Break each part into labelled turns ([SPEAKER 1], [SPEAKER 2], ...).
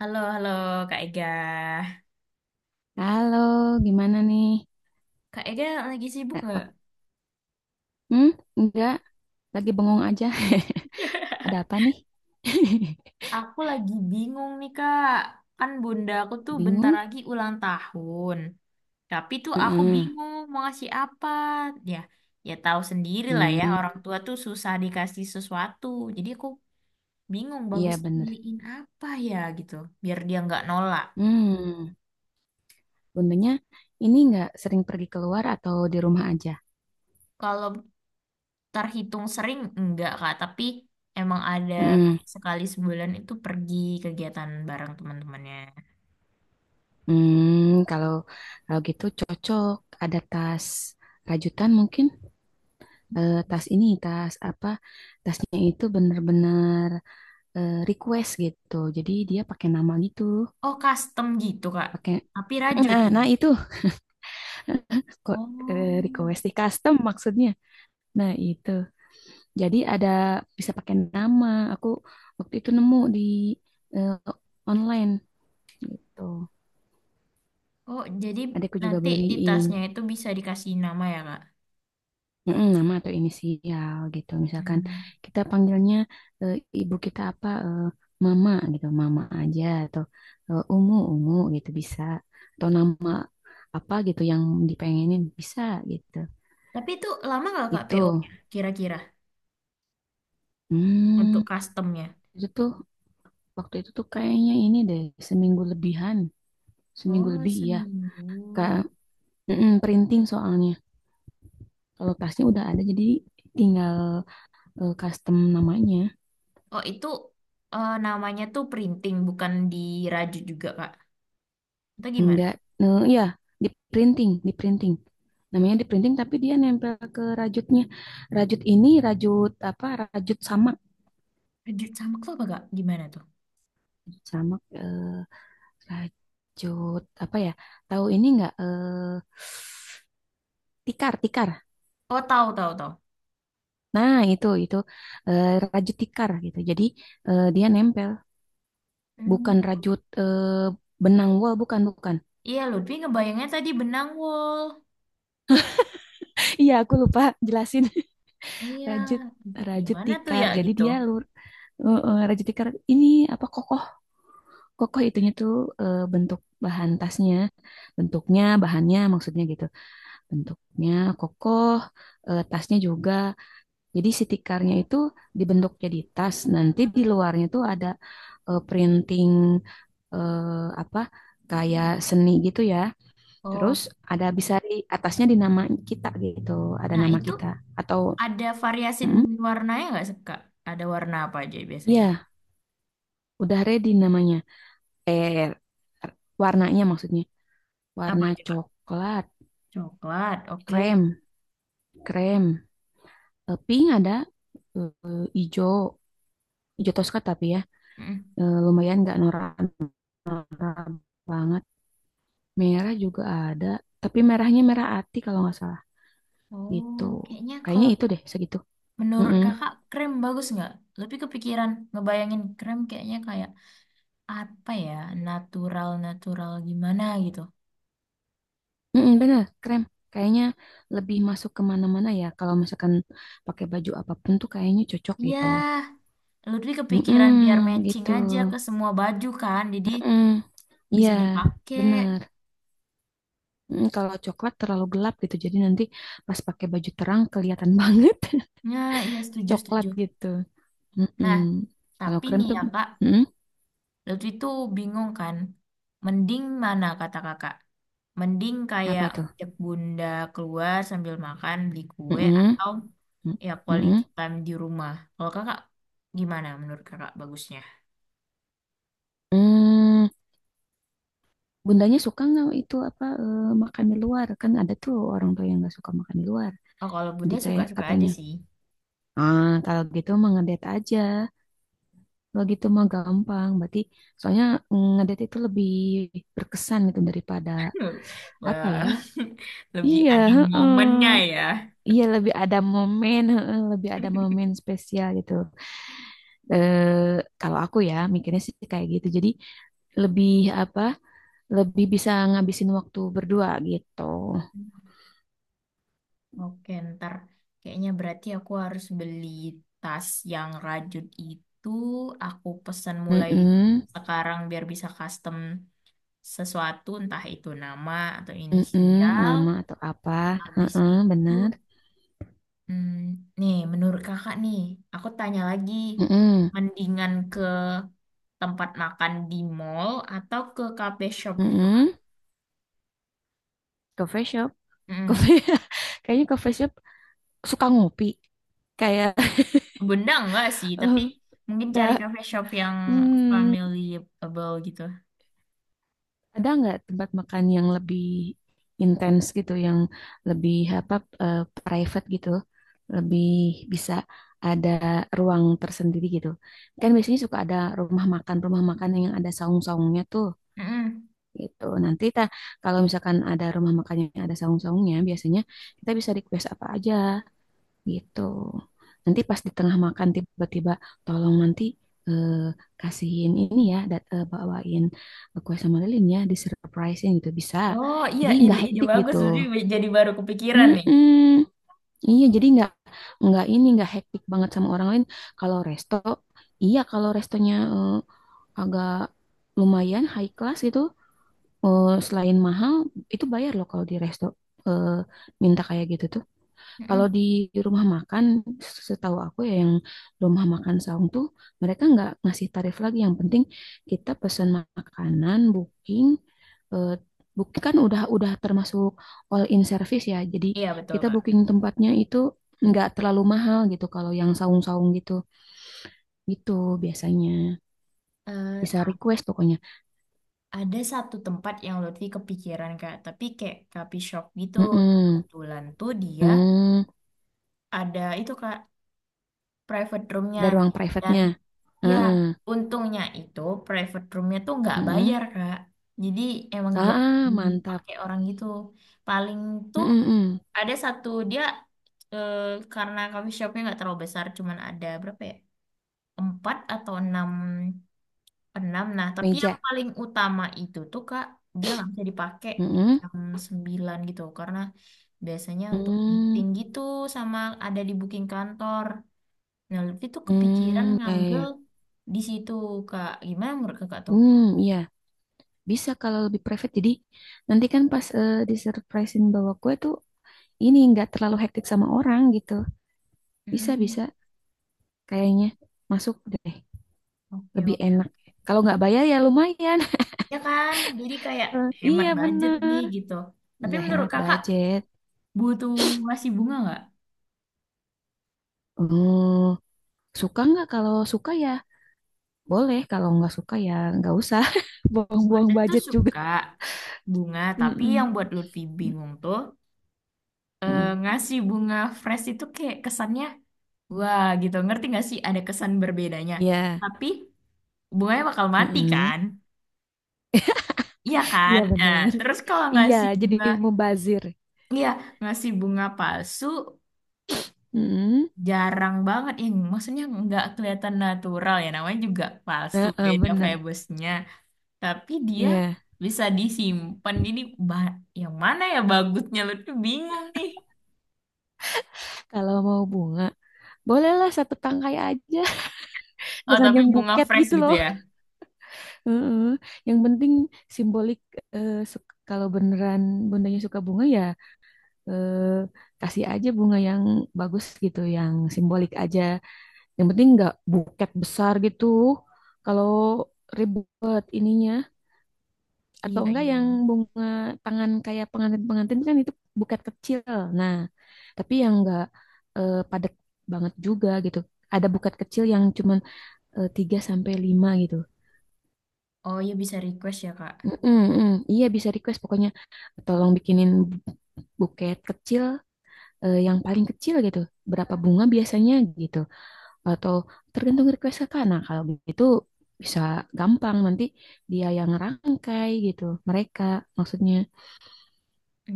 [SPEAKER 1] Halo, halo Kak Ega.
[SPEAKER 2] Halo, gimana nih?
[SPEAKER 1] Kak Ega lagi sibuk nggak?
[SPEAKER 2] Pak, hmm, enggak, lagi bengong aja. Ada apa nih?
[SPEAKER 1] Aku lagi bingung nih Kak. Kan bunda aku tuh bentar
[SPEAKER 2] Bingung?
[SPEAKER 1] lagi ulang tahun. Tapi tuh aku
[SPEAKER 2] Heeh.
[SPEAKER 1] bingung mau ngasih apa. Ya, ya tahu sendiri lah ya.
[SPEAKER 2] Hmm,
[SPEAKER 1] Orang tua tuh susah dikasih sesuatu. Jadi aku bingung
[SPEAKER 2] iya
[SPEAKER 1] bagusnya
[SPEAKER 2] bener.
[SPEAKER 1] beliin apa ya gitu. Biar dia nggak nolak.
[SPEAKER 2] Hmm, bundanya ini enggak sering pergi keluar atau di rumah aja?
[SPEAKER 1] Kalau terhitung sering enggak Kak. Tapi emang ada
[SPEAKER 2] Heeh.
[SPEAKER 1] kayak sekali sebulan itu pergi kegiatan bareng teman-temannya.
[SPEAKER 2] Hmm, kalau kalau gitu cocok. Ada tas rajutan mungkin. Tas ini, tas apa? Tasnya itu bener-bener request gitu. Jadi dia pakai nama gitu.
[SPEAKER 1] Oh, custom gitu, Kak.
[SPEAKER 2] Pakai
[SPEAKER 1] Tapi rajut
[SPEAKER 2] Nah,
[SPEAKER 1] ini.
[SPEAKER 2] nah itu. Kok
[SPEAKER 1] Oh.
[SPEAKER 2] request di custom maksudnya. Nah, itu. Jadi ada bisa pakai nama. Aku waktu itu nemu di eh, online gitu.
[SPEAKER 1] Oh, jadi
[SPEAKER 2] Adikku juga
[SPEAKER 1] nanti di
[SPEAKER 2] beliin.
[SPEAKER 1] tasnya itu bisa dikasih nama ya, Kak?
[SPEAKER 2] Mm-mm, nama atau inisial gitu. Misalkan
[SPEAKER 1] Hmm.
[SPEAKER 2] kita panggilnya eh, ibu kita apa mama gitu, mama aja atau umu umu gitu bisa. Atau nama apa gitu yang dipengenin bisa gitu.
[SPEAKER 1] Tapi itu lama nggak, Kak,
[SPEAKER 2] Itu.
[SPEAKER 1] PO-nya kira-kira untuk
[SPEAKER 2] Hmm,
[SPEAKER 1] customnya?
[SPEAKER 2] itu tuh. Waktu itu tuh kayaknya ini deh, seminggu lebihan. Seminggu
[SPEAKER 1] Oh,
[SPEAKER 2] lebih, iya. Kak,
[SPEAKER 1] seminggu.
[SPEAKER 2] mm-mm, printing soalnya. Kalau tasnya udah ada, jadi tinggal custom namanya.
[SPEAKER 1] Oh, itu namanya tuh printing, bukan dirajut juga, Kak. Atau gimana?
[SPEAKER 2] Enggak, ya di printing, di printing. Namanya di printing, tapi dia nempel ke rajutnya. Rajut ini, rajut apa, rajut samak.
[SPEAKER 1] Rajut sama tuh apa, Kak? Gimana tuh?
[SPEAKER 2] Rajut samak, rajut apa ya, tahu ini enggak, tikar, tikar.
[SPEAKER 1] Oh, tahu, tahu, tahu.
[SPEAKER 2] Nah, itu eh, rajut tikar gitu. Jadi dia nempel,
[SPEAKER 1] Hmm.
[SPEAKER 2] bukan rajut benang wol, bukan bukan.
[SPEAKER 1] Iya, Lutfi ngebayangnya tadi benang wol.
[SPEAKER 2] Iya, aku lupa jelasin.
[SPEAKER 1] Iya,
[SPEAKER 2] Rajut rajut
[SPEAKER 1] gimana tuh
[SPEAKER 2] tikar.
[SPEAKER 1] ya
[SPEAKER 2] Jadi
[SPEAKER 1] gitu?
[SPEAKER 2] dia rajut tikar ini apa kokoh kokoh itunya tuh bentuk bahan tasnya, bentuknya, bahannya maksudnya gitu. Bentuknya kokoh, tasnya juga. Jadi si tikarnya itu dibentuk jadi tas. Nanti di luarnya tuh ada printing eh, apa kayak seni gitu ya. Terus
[SPEAKER 1] Oh,
[SPEAKER 2] ada bisa di atasnya di nama kita gitu, ada
[SPEAKER 1] nah,
[SPEAKER 2] nama
[SPEAKER 1] itu
[SPEAKER 2] kita atau
[SPEAKER 1] ada variasi
[SPEAKER 2] mm,
[SPEAKER 1] warnanya nggak sih, Kak? Ada warna apa aja biasanya?
[SPEAKER 2] ya udah ready namanya. Eh Warnanya maksudnya
[SPEAKER 1] Apa
[SPEAKER 2] warna
[SPEAKER 1] aja, Kak?
[SPEAKER 2] coklat,
[SPEAKER 1] Coklat, oke.
[SPEAKER 2] krem, krem, pink ada, ijo, ijo toska tapi ya
[SPEAKER 1] Mm.
[SPEAKER 2] Lumayan nggak norak-norak banget. Merah juga ada, tapi merahnya merah ati kalau nggak salah gitu.
[SPEAKER 1] Oh, kayaknya
[SPEAKER 2] Kayaknya
[SPEAKER 1] kalau
[SPEAKER 2] itu deh segitu.
[SPEAKER 1] menurut
[SPEAKER 2] Mm-mm.
[SPEAKER 1] kakak krem bagus nggak? Lebih kepikiran ngebayangin krem kayaknya kayak apa ya, natural-natural gimana gitu.
[SPEAKER 2] Mm-mm, bener, krem. Kayaknya lebih masuk kemana mana ya. Kalau misalkan pakai baju apapun tuh kayaknya cocok gitu.
[SPEAKER 1] Ya, lebih kepikiran
[SPEAKER 2] Mm-mm,
[SPEAKER 1] biar matching
[SPEAKER 2] gitu.
[SPEAKER 1] aja ke semua baju kan, jadi
[SPEAKER 2] Mm-mm. Iya,
[SPEAKER 1] bisa dipakai.
[SPEAKER 2] bener. Kalau coklat terlalu gelap gitu, jadi nanti pas pakai baju terang kelihatan banget
[SPEAKER 1] Ya, iya
[SPEAKER 2] coklat
[SPEAKER 1] setuju-setuju.
[SPEAKER 2] gitu. Mm-mm.
[SPEAKER 1] Nah,
[SPEAKER 2] Kalau
[SPEAKER 1] tapi
[SPEAKER 2] krem
[SPEAKER 1] nih
[SPEAKER 2] tuh,
[SPEAKER 1] ya Kak,
[SPEAKER 2] mm,
[SPEAKER 1] Lutfi tuh bingung kan, mending mana kata kakak? Mending kayak
[SPEAKER 2] apa tuh?
[SPEAKER 1] ngajak bunda keluar sambil makan, beli kue,
[SPEAKER 2] Mm-mm.
[SPEAKER 1] atau ya quality
[SPEAKER 2] Mm-mm.
[SPEAKER 1] time di rumah. Kalau kakak gimana menurut kakak bagusnya?
[SPEAKER 2] Mm. Bundanya suka nggak itu apa makan di luar? Kan ada tuh orang tua yang nggak suka makan di luar.
[SPEAKER 1] Oh, kalau
[SPEAKER 2] Jadi
[SPEAKER 1] bunda
[SPEAKER 2] kayak
[SPEAKER 1] suka-suka aja
[SPEAKER 2] katanya,
[SPEAKER 1] sih.
[SPEAKER 2] ah kalau gitu mah ngedet aja. Kalau gitu mah gampang. Berarti soalnya ngedet itu lebih berkesan gitu daripada apa
[SPEAKER 1] Wah,
[SPEAKER 2] ya?
[SPEAKER 1] lebih
[SPEAKER 2] Iya,
[SPEAKER 1] ada momennya
[SPEAKER 2] heeh.
[SPEAKER 1] ya.
[SPEAKER 2] Iya lebih ada momen, heeh, lebih ada momen spesial gitu. Kalau aku ya mikirnya sih kayak gitu. Jadi lebih apa? Lebih bisa ngabisin waktu berdua gitu.
[SPEAKER 1] Oke, ntar kayaknya berarti aku harus beli tas yang rajut itu. Aku pesan mulai
[SPEAKER 2] Mm-mm.
[SPEAKER 1] sekarang biar bisa custom sesuatu, entah itu nama atau
[SPEAKER 2] Mm-mm,
[SPEAKER 1] inisial.
[SPEAKER 2] nama atau apa?
[SPEAKER 1] Habis
[SPEAKER 2] Heeh,
[SPEAKER 1] itu,
[SPEAKER 2] bener.
[SPEAKER 1] hmm, nih, menurut kakak nih, aku tanya lagi,
[SPEAKER 2] Mm-mm,
[SPEAKER 1] mendingan ke tempat makan di mall atau ke cafe shop gitu, Kak?
[SPEAKER 2] mm-mm. Coffee shop,
[SPEAKER 1] Mm.
[SPEAKER 2] coffee. Kayaknya coffee shop suka ngopi. Kayak
[SPEAKER 1] Benda enggak sih, tapi
[SPEAKER 2] eh,
[SPEAKER 1] mungkin cari
[SPEAKER 2] nggak.
[SPEAKER 1] cafe shop yang
[SPEAKER 2] Hmm,
[SPEAKER 1] familyable gitu.
[SPEAKER 2] ada nggak tempat makan yang lebih intens gitu, yang lebih apa eh, private gitu, lebih bisa ada ruang tersendiri gitu. Kan biasanya suka ada rumah makan yang ada saung-saungnya tuh.
[SPEAKER 1] Mm-mm.
[SPEAKER 2] Gitu. Nanti kita kalau misalkan ada rumah makannya ada saung-saungnya, biasanya kita bisa request apa aja gitu. Nanti pas di tengah makan tiba-tiba tolong nanti eh, kasihin ini ya, bawain kue sama lilinnya, di surprisein gitu bisa.
[SPEAKER 1] Oh iya,
[SPEAKER 2] Jadi nggak
[SPEAKER 1] ide-ide
[SPEAKER 2] hektik
[SPEAKER 1] bagus.
[SPEAKER 2] gitu.
[SPEAKER 1] Jadi baru kepikiran nih.
[SPEAKER 2] Mm-mm. Iya, jadi nggak ini nggak hektik banget sama orang lain. Kalau resto, iya kalau restonya agak lumayan high class gitu. Selain mahal, itu bayar loh kalau di resto eh, minta kayak gitu tuh. Kalau
[SPEAKER 1] Mm-mm.
[SPEAKER 2] di rumah makan, setahu aku ya yang rumah makan saung tuh mereka nggak ngasih tarif lagi. Yang penting kita pesan makanan, eh, booking kan udah termasuk all in service ya. Jadi
[SPEAKER 1] Iya, betul,
[SPEAKER 2] kita
[SPEAKER 1] Kak.
[SPEAKER 2] booking tempatnya itu nggak terlalu mahal gitu. Kalau yang saung-saung gitu, gitu biasanya
[SPEAKER 1] Eh,
[SPEAKER 2] bisa request pokoknya.
[SPEAKER 1] Ada satu tempat yang Lutfi kepikiran Kak, tapi kayak coffee shop gitu. Nah,
[SPEAKER 2] Mm-mm.
[SPEAKER 1] kebetulan tuh dia
[SPEAKER 2] Hmm,
[SPEAKER 1] ada itu Kak, private roomnya.
[SPEAKER 2] ada ruang
[SPEAKER 1] Dan
[SPEAKER 2] private-nya.
[SPEAKER 1] ya,
[SPEAKER 2] Heeh.
[SPEAKER 1] untungnya itu private roomnya tuh nggak
[SPEAKER 2] Mm-mm.
[SPEAKER 1] bayar Kak. Jadi emang jarang
[SPEAKER 2] Ah, mantap.
[SPEAKER 1] dipakai orang gitu. Paling tuh
[SPEAKER 2] Mm-mm-mm.
[SPEAKER 1] ada satu dia eh, karena coffee shopnya nggak terlalu besar, cuman ada berapa ya? Empat atau enam. Enam. Nah, tapi yang
[SPEAKER 2] Meja.
[SPEAKER 1] paling utama itu tuh Kak, dia nggak bisa dipakai di
[SPEAKER 2] Mm-mm.
[SPEAKER 1] jam 9 gitu karena biasanya untuk
[SPEAKER 2] Hmm.
[SPEAKER 1] meeting gitu sama ada di booking kantor. Nah, Lutfi tuh kepikiran
[SPEAKER 2] Hmm. Ya, ya,
[SPEAKER 1] ngambil
[SPEAKER 2] ya.
[SPEAKER 1] di situ Kak. Gimana menurut Kakak tuh?
[SPEAKER 2] Hmm, ya, bisa kalau lebih private. Jadi nanti kan pas disurprisein bawa kue tuh ini nggak terlalu hektik sama orang gitu. Bisa,
[SPEAKER 1] Hmm,
[SPEAKER 2] bisa. Kayaknya masuk deh.
[SPEAKER 1] oke
[SPEAKER 2] Lebih
[SPEAKER 1] oke.
[SPEAKER 2] enak. Kalau nggak bayar ya lumayan.
[SPEAKER 1] Ya kan, jadi kayak hemat
[SPEAKER 2] Iya,
[SPEAKER 1] budget nih
[SPEAKER 2] bener.
[SPEAKER 1] gitu. Tapi
[SPEAKER 2] Iya,
[SPEAKER 1] menurut
[SPEAKER 2] hemat
[SPEAKER 1] Kakak
[SPEAKER 2] budget.
[SPEAKER 1] butuh masih bunga nggak?
[SPEAKER 2] Hmm. Suka nggak? Kalau suka ya boleh. Kalau nggak suka ya nggak usah. Buang-buang
[SPEAKER 1] Bunda tuh
[SPEAKER 2] budget juga.
[SPEAKER 1] suka bunga, tapi yang
[SPEAKER 2] Mm-mm.
[SPEAKER 1] buat Lutfi bingung tuh
[SPEAKER 2] Mm-mm.
[SPEAKER 1] ngasih bunga fresh itu kayak kesannya wah gitu, ngerti nggak sih? Ada kesan berbedanya,
[SPEAKER 2] Iya.
[SPEAKER 1] tapi bunganya bakal mati
[SPEAKER 2] Mm-mm.
[SPEAKER 1] kan, iya kan.
[SPEAKER 2] Iya
[SPEAKER 1] Nah,
[SPEAKER 2] bener.
[SPEAKER 1] terus kalau
[SPEAKER 2] Iya,
[SPEAKER 1] ngasih
[SPEAKER 2] jadi
[SPEAKER 1] bunga,
[SPEAKER 2] mubazir.
[SPEAKER 1] iya, ngasih bunga palsu
[SPEAKER 2] Mm-mm.
[SPEAKER 1] jarang banget ya, maksudnya nggak kelihatan natural ya, namanya juga palsu,
[SPEAKER 2] Heeh,
[SPEAKER 1] beda
[SPEAKER 2] bener.
[SPEAKER 1] febusnya, tapi dia
[SPEAKER 2] Iya.
[SPEAKER 1] bisa disimpan. Jadi yang mana ya bagusnya, lu tuh bingung nih.
[SPEAKER 2] Kalau mau bunga, bolehlah satu tangkai aja.
[SPEAKER 1] Oh,
[SPEAKER 2] Jangan
[SPEAKER 1] tapi
[SPEAKER 2] yang
[SPEAKER 1] bunga
[SPEAKER 2] buket
[SPEAKER 1] fresh
[SPEAKER 2] gitu
[SPEAKER 1] gitu
[SPEAKER 2] loh.
[SPEAKER 1] ya.
[SPEAKER 2] Heeh. Yang penting simbolik. eh, su- kalau beneran bundanya suka bunga ya eh, kasih aja bunga yang bagus gitu, yang simbolik aja. Yang penting nggak buket besar gitu. Kalau ribet ininya atau
[SPEAKER 1] Iya,
[SPEAKER 2] enggak
[SPEAKER 1] iya,
[SPEAKER 2] yang
[SPEAKER 1] iya.
[SPEAKER 2] bunga tangan kayak pengantin-pengantin kan itu buket kecil. Nah, tapi yang enggak padat banget juga gitu. Ada buket kecil yang cuman 3 sampai 5 gitu.
[SPEAKER 1] Oh iya bisa request ya Kak.
[SPEAKER 2] Mm-mm, mm. Iya bisa request pokoknya tolong bikinin buket kecil yang paling kecil gitu. Berapa bunga biasanya gitu. Atau tergantung request kakak. Nah, kalau begitu bisa gampang nanti dia yang rangkai gitu. Mereka maksudnya.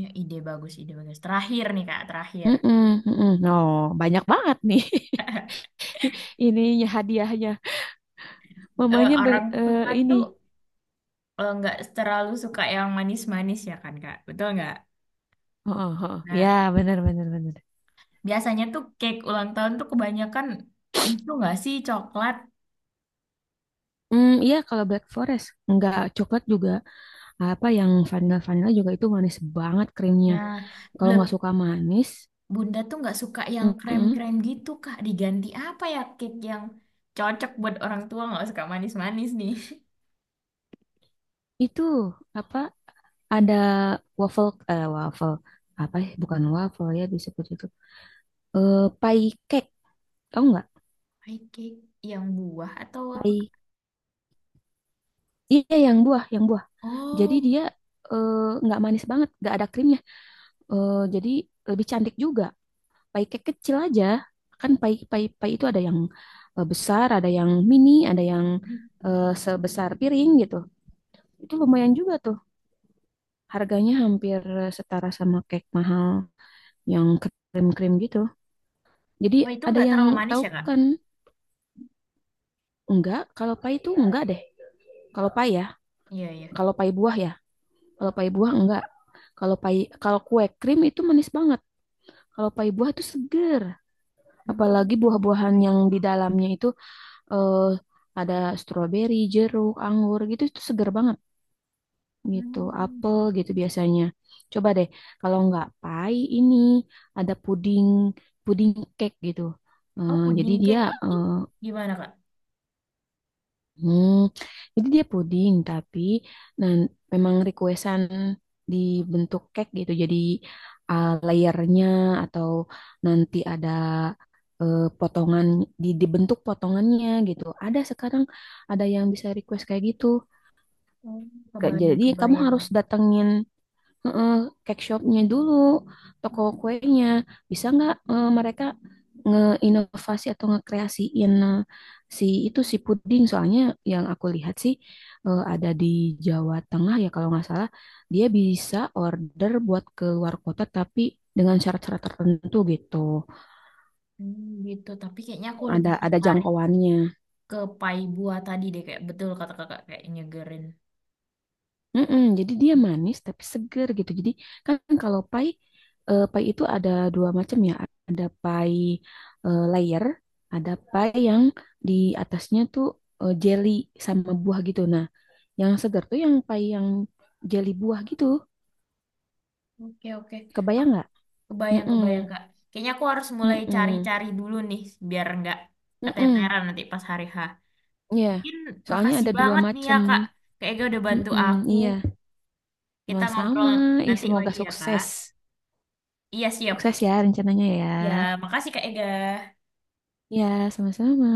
[SPEAKER 1] Ya, ide bagus, ide bagus. Terakhir nih Kak, terakhir.
[SPEAKER 2] Mm-mm, mm-mm. Oh, banyak banget nih ininya hadiahnya. Mamanya
[SPEAKER 1] Orang tua tuh
[SPEAKER 2] ini.
[SPEAKER 1] nggak terlalu suka yang manis-manis ya kan Kak, betul nggak?
[SPEAKER 2] Oh, oh, oh.
[SPEAKER 1] Nah,
[SPEAKER 2] Ya, benar benar benar.
[SPEAKER 1] biasanya tuh cake ulang tahun tuh kebanyakan itu nggak sih coklat.
[SPEAKER 2] Iya kalau Black Forest nggak coklat juga apa yang vanilla vanilla juga itu manis banget krimnya.
[SPEAKER 1] Nah,
[SPEAKER 2] Kalau nggak
[SPEAKER 1] le-
[SPEAKER 2] suka manis,
[SPEAKER 1] Bunda tuh nggak suka yang
[SPEAKER 2] mm-mm,
[SPEAKER 1] krem-krem gitu Kak. Diganti apa ya cake yang cocok buat orang tua nggak suka manis-manis nih?
[SPEAKER 2] itu apa ada waffle apa ya? Bukan waffle ya disebut itu. Pie cake, tahu nggak?
[SPEAKER 1] Pie cake yang buah atau apa?
[SPEAKER 2] Pie. Iya yang buah, yang buah. Jadi
[SPEAKER 1] Oh,
[SPEAKER 2] dia eh, nggak manis banget, nggak ada krimnya. Jadi lebih cantik juga. Pai cake kecil aja. Kan pai pai pai itu ada yang besar, ada yang mini, ada yang sebesar piring gitu. Itu lumayan juga tuh. Harganya hampir setara sama cake mahal yang krim-krim gitu. Jadi
[SPEAKER 1] oh itu
[SPEAKER 2] ada
[SPEAKER 1] nggak
[SPEAKER 2] yang
[SPEAKER 1] terlalu manis
[SPEAKER 2] tahu
[SPEAKER 1] ya Kak?
[SPEAKER 2] kan? Enggak, kalau pai itu enggak deh. Kalau pai ya,
[SPEAKER 1] Iya, iya.
[SPEAKER 2] kalau pai buah ya. Kalau pai buah enggak. Kalau pai Kalau kue krim itu manis banget. Kalau pai buah itu seger, apalagi buah-buahan yang di dalamnya itu eh, ada stroberi, jeruk, anggur gitu itu seger banget gitu,
[SPEAKER 1] Hmm.
[SPEAKER 2] apel gitu biasanya. Coba deh, kalau nggak pai ini ada puding puding cake gitu.
[SPEAKER 1] Oh,
[SPEAKER 2] Eh, jadi
[SPEAKER 1] pudding
[SPEAKER 2] dia
[SPEAKER 1] cake itu
[SPEAKER 2] eh,
[SPEAKER 1] gimana, Kak?
[SPEAKER 2] Hmm, jadi dia puding, tapi nah, memang requestan dibentuk cake gitu. Jadi layernya atau nanti ada potongan dibentuk potongannya gitu. Ada sekarang ada yang bisa request kayak gitu.
[SPEAKER 1] Oh, kebayang,
[SPEAKER 2] Jadi kamu
[SPEAKER 1] kebayang.
[SPEAKER 2] harus datengin. Heeh, cake shopnya dulu, toko kuenya. Bisa nggak mereka ngeinovasi atau ngekreasiin si itu si puding? Soalnya yang aku lihat sih ada di Jawa Tengah ya kalau nggak salah, dia bisa order buat ke luar kota tapi dengan syarat-syarat tertentu gitu.
[SPEAKER 1] Hmm, gitu. Tapi kayaknya aku lebih
[SPEAKER 2] Ada
[SPEAKER 1] tertarik
[SPEAKER 2] jangkauannya.
[SPEAKER 1] ke pai buah tadi deh, kayak betul kata kakak, kayak nyegerin.
[SPEAKER 2] Mm-mm, jadi dia manis tapi seger gitu. Jadi kan kalau pai, pai itu ada dua macam ya. Ada pai layer, ada pai yang di atasnya tuh jelly sama buah gitu. Nah, yang seger tuh yang pai yang jelly buah gitu.
[SPEAKER 1] Oke, oke.
[SPEAKER 2] Kebayang
[SPEAKER 1] Aku
[SPEAKER 2] nggak?
[SPEAKER 1] kebayang,
[SPEAKER 2] Mm-mm,
[SPEAKER 1] kebayang, Kak. Kayaknya aku harus mulai
[SPEAKER 2] mm-mm,
[SPEAKER 1] cari-cari dulu nih, biar nggak
[SPEAKER 2] mm-mm.
[SPEAKER 1] keteteran nanti pas hari H.
[SPEAKER 2] Iya.
[SPEAKER 1] Mungkin
[SPEAKER 2] Soalnya
[SPEAKER 1] makasih
[SPEAKER 2] ada dua
[SPEAKER 1] banget nih ya,
[SPEAKER 2] macam.
[SPEAKER 1] Kak. Kak udah bantu
[SPEAKER 2] Mm-mm,
[SPEAKER 1] aku.
[SPEAKER 2] iya,
[SPEAKER 1] Kita ngobrol
[SPEAKER 2] sama-sama. Ih,
[SPEAKER 1] nanti
[SPEAKER 2] semoga
[SPEAKER 1] lagi ya, Kak.
[SPEAKER 2] sukses.
[SPEAKER 1] Iya, siap.
[SPEAKER 2] Sukses ya rencananya ya.
[SPEAKER 1] Ya, makasih Kak Ega.
[SPEAKER 2] Ya, sama-sama.